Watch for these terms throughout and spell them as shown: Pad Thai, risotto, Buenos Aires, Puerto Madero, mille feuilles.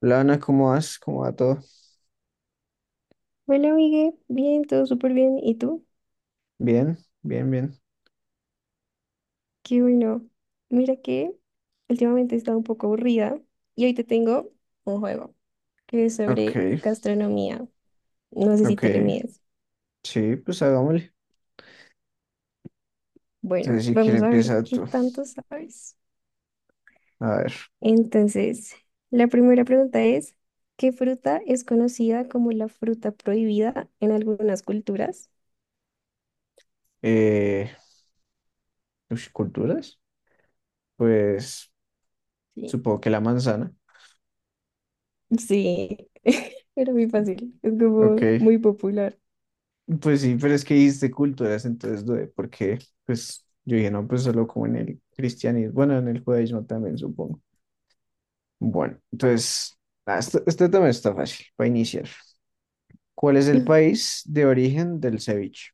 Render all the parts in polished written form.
Lana, ¿cómo vas? ¿Cómo va todo? Bueno, Miguel, bien, todo súper bien. ¿Y tú? Bien, bien, bien. Qué bueno. Mira que últimamente he estado un poco aburrida y hoy te tengo un juego que es sobre Ok, gastronomía. No sé si te le ok. mides. Sí, pues hagámosle. Bueno, Entonces, si quieres, vamos a ver empieza qué tú. tanto sabes. A ver. Entonces, la primera pregunta es, ¿qué fruta es conocida como la fruta prohibida en algunas culturas? Eh, ¿Culturas? Pues Sí. supongo que la manzana. Sí, era muy fácil. Es como Ok. muy popular. Pues sí, pero es que dijiste culturas, entonces dudé, porque pues yo dije, no, pues solo como en el cristianismo, bueno, en el judaísmo también, supongo. Bueno, entonces, esto también está fácil para iniciar. ¿Cuál es el país de origen del ceviche?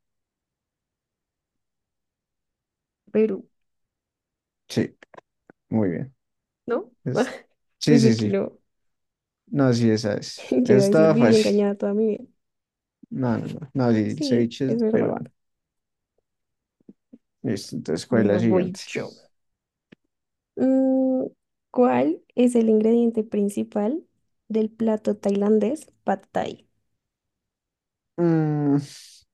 Perú, Sí, muy bien. ¿no? Es- Sí, sí, Pensé que sí. no. No, sí, esa es. Yo iba a decir, Estaba viví fácil. engañada toda mi vida. No, no, no. No, sí, el Sí, ceviche es es verdad. peruano. Listo, entonces, ¿cuál es la Bueno, siguiente? voy yo. Mm, ¿Cuál es el ingrediente principal del plato tailandés Pad Thai? Mm,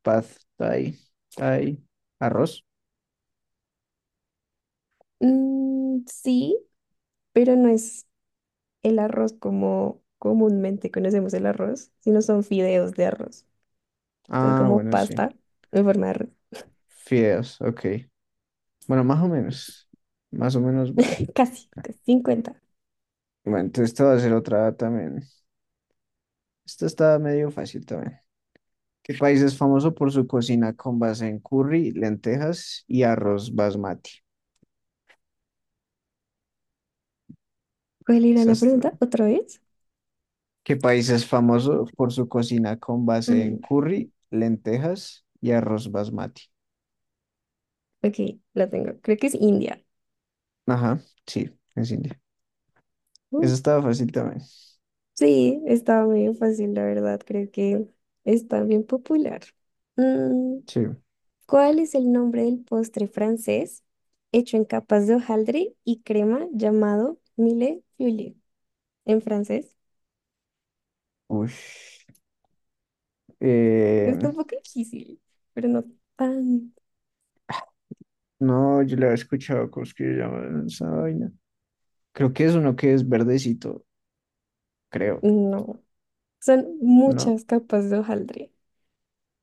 pad thai, thai, arroz. Mm, sí, pero no es el arroz como comúnmente conocemos el arroz, sino son fideos de arroz. O sea, es Ah, como bueno, sí. pasta en forma de arroz. Fideos, ok. Bueno, más o menos. Más o menos vale. Casi, casi 50. Bueno, entonces esta va a ser otra también. Esta está medio fácil también. ¿Qué país es famoso por su cocina con base en curry, lentejas y arroz basmati? ¿Cuál era Esa la está- pregunta? ¿Otra vez? ¿Qué país es famoso por su cocina con base en Mm, curry, lentejas y arroz basmati? ok, la tengo. Creo que es India. Ajá, sí, es India. Uh, Eso estaba fácil también. Sí, estaba medio fácil, la verdad, creo que está bien popular. Mm, Sí. ¿Cuál es el nombre del postre francés hecho en capas de hojaldre y crema llamado mille feuilles en francés? Uy. Eh, Está un poco difícil, pero no tan... no, yo le había escuchado cosas que llaman esa vaina. Creo que es uno que es verdecito, creo. No, son No, muchas capas de hojaldre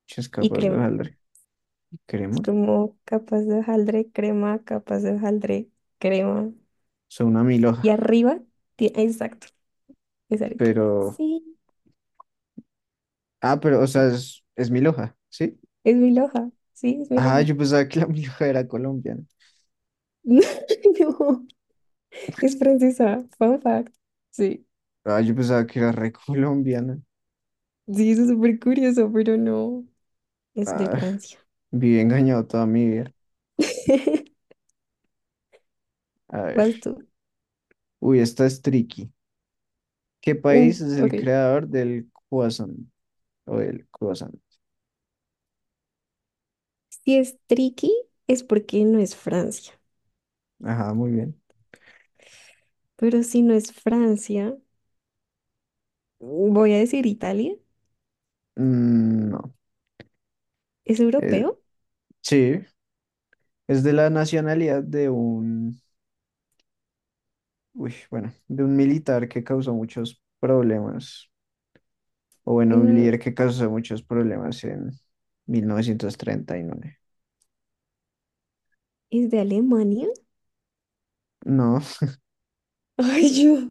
si es y capaz de crema. jalar Es crema. como capas de hojaldre, crema, capas de hojaldre, crema. Son una Y milhoja, arriba, exacto, es arepa. pero. Sí. Ah, pero, o sea, es milhoja, ¿sí? Es mi loja, sí, es mi Ah, loja. yo pensaba que la milhoja era colombiana. No, es francesa, fun fact. Sí, Ah, yo pensaba que era re colombiana. sí, eso es súper curioso, pero no, es de Ah, Francia. vive engañado toda mi vida. A Vas ver. tú. Uy, esta es tricky. ¿Qué Mm, país es el ok. creador del croissant? O el croissant. Si es tricky, es porque no es Francia. Ajá, muy bien. Pero si no es Francia, voy a decir Italia. Mm, no. ¿Es Eh, europeo? sí, es de la nacionalidad de uy, bueno, de un militar que causó muchos problemas. O bueno, un Mm, líder que causó muchos problemas en 1939. ¿es de Alemania? No, Ay, yo.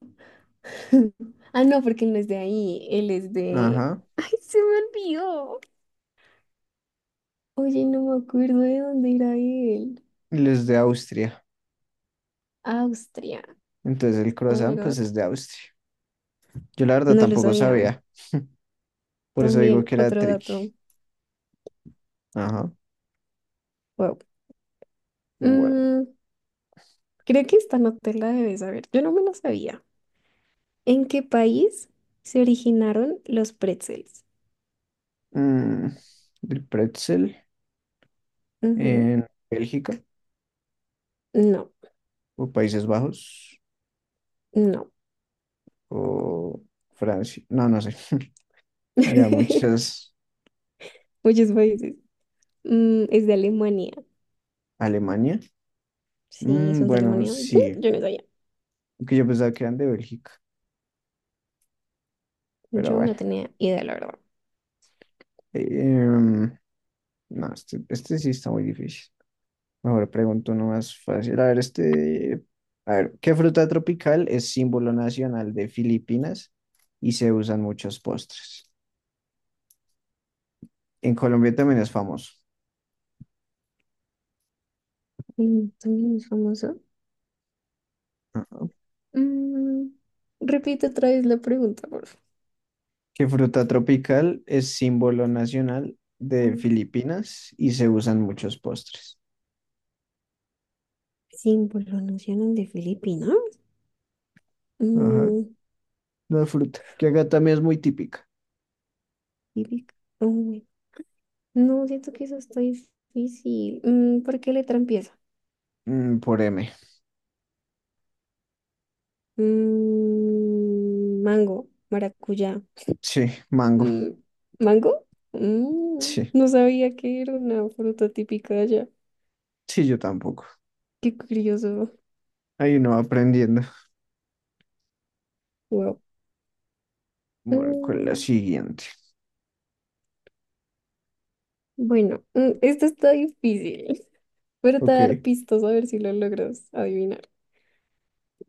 Ah, no, porque él no es de ahí, él es de... ajá. Ay, se me olvidó. Oye, no me acuerdo de dónde era él. Él es de Austria. Austria. Entonces el Oh my croissant, pues God. es de Austria. Yo la verdad No lo tampoco sabía. sabía. Por eso digo También que era otro tricky. dato. Ajá. Wow. Bueno, Mm, creo que esta no te la debes saber. Yo no me la sabía. ¿En qué país se originaron los pretzels? mm, el pretzel Ujú. en Bélgica No, o Países Bajos no. o Francia. No, no sé. Ya muchas. Muchos países. Es de Alemania. Alemania. Sí, Mm, son de bueno, Alemania. Ujú, sí. yo no sabía. Que yo pensaba que eran de Bélgica, pero Yo no bueno. tenía idea, la verdad. Em, no, este sí está muy difícil. Mejor pregunto uno más fácil. A ver, este. A ver, ¿qué fruta tropical es símbolo nacional de Filipinas y se usan muchos postres? En Colombia también es famoso. Mm, también es famoso. Mm, repite otra vez la pregunta, por Que fruta tropical es símbolo nacional de favor. Filipinas y se usan muchos postres? Símbolo nacional de Filipinas. Ajá, Mm, la fruta, que acá también es muy típica. típica. Uy, no, siento que eso está difícil. ¿Por qué letra empieza? Mm, por M. Mango, maracuyá. Sí, mango. Mm, ¿Mango? Sí, No sabía que era una fruta típica de allá. sí, yo tampoco. Qué curioso. Ahí no aprendiendo. Wow. Bueno, con la Mm, siguiente. bueno, esto está difícil. Pero te voy a Ok. dar pistas a ver si lo logras adivinar.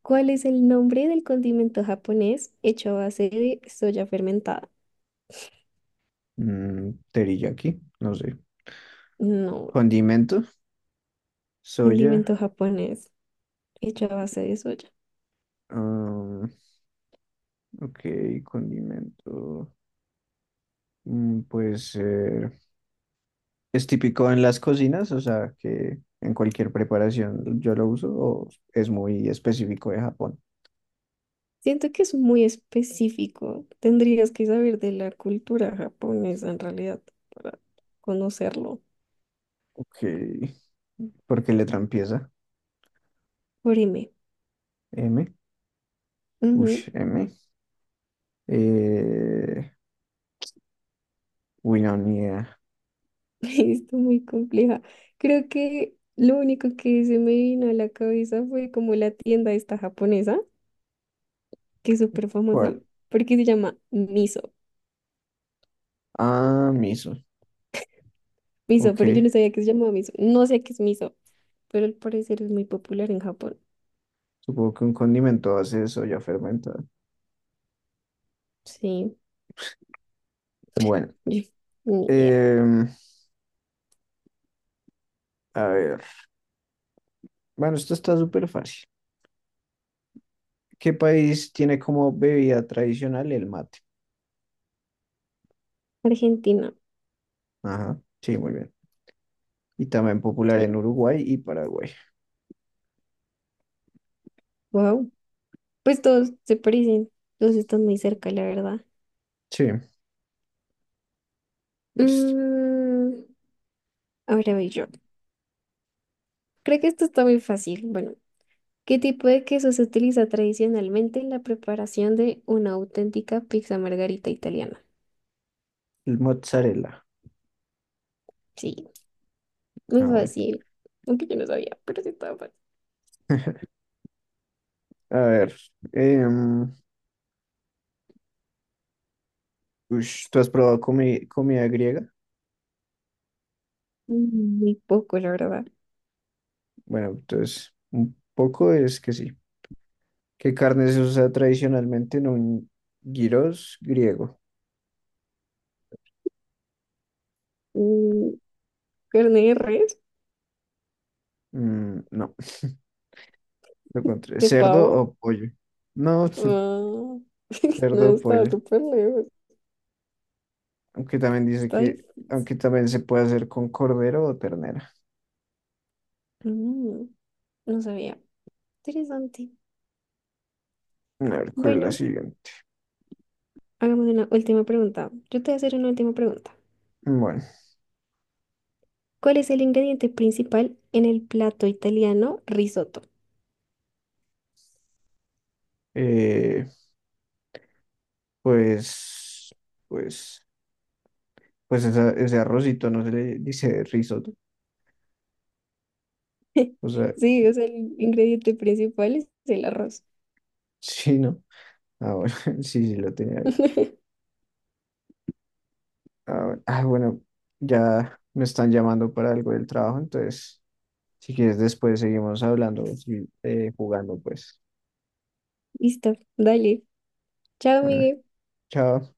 ¿Cuál es el nombre del condimento japonés hecho a base de soya fermentada? Mm, teriyaki, no sé. No. Condimento, Condimento soya. japonés hecho a base de soya. ah, ok, condimento. Puede ser es típico en las cocinas, o sea, que en cualquier preparación yo lo uso, o es muy específico de Japón. Siento que es muy específico. Tendrías que saber de la cultura japonesa en realidad para conocerlo. Ok. ¿Por qué letra empieza? Orime. M. Ush, Ujú. M. Eh, no, ni idea. Está muy compleja. Creo que lo único que se me vino a la cabeza fue como la tienda esta japonesa, que es súper famosa, ¿Cuál? porque se llama Miso. Ah, miso. Miso, pero yo Ok. no sabía que se llamaba Miso. No sé qué es Miso, pero al parecer es muy popular en Japón. Supongo que un condimento hace eso ya fermentado. Sí. Bueno. Ni idea. em, a ver. Bueno, esto está súper fácil. ¿Qué país tiene como bebida tradicional el mate? Argentina, Ajá. Sí, muy bien. Y también popular en sí. Uruguay y Paraguay. Wow. Pues todos se parecen, todos están muy cerca, la verdad. Sí, listo. Mm, ahora voy yo. Creo que esto está muy fácil. Bueno, ¿qué tipo de queso se utiliza tradicionalmente en la preparación de una auténtica pizza margarita italiana? El mozzarella. Sí, muy Ah, bueno. fácil. Aunque yo no sabía, pero sí estaba fácil. A ver. em, ¿Tú has probado comida griega? Mm, muy poco, la verdad. Bueno, entonces, un poco es que sí. ¿Qué carne se usa tradicionalmente en un gyros griego? Mm, carne de res, Mm, no, lo contrario. de ¿Cerdo pavo. o pollo? No, Ah, cerdo no, o estaba pollo. súper lejos. Aunque también dice Está que, difícil. aunque también se puede hacer con cordero o ternera. Mm, no sabía. Interesante. A ver, ¿cuál es la Bueno, siguiente? hagamos una última pregunta. Yo te voy a hacer una última pregunta. Bueno, ¿Cuál es el ingrediente principal en el plato italiano risotto? eh, pues, pues. Pues ese arrocito no se le dice risotto. O sea, Sí, o sea, el ingrediente principal es el arroz. sí, ¿no? Ah, bueno, sí, sí, lo tenía ahí. Bueno, Ah, bueno, ya me están llamando para algo del trabajo, entonces, si quieres, después seguimos hablando, sí, jugando, pues. Listo, dale. Chao, Bueno, Miguel. chao.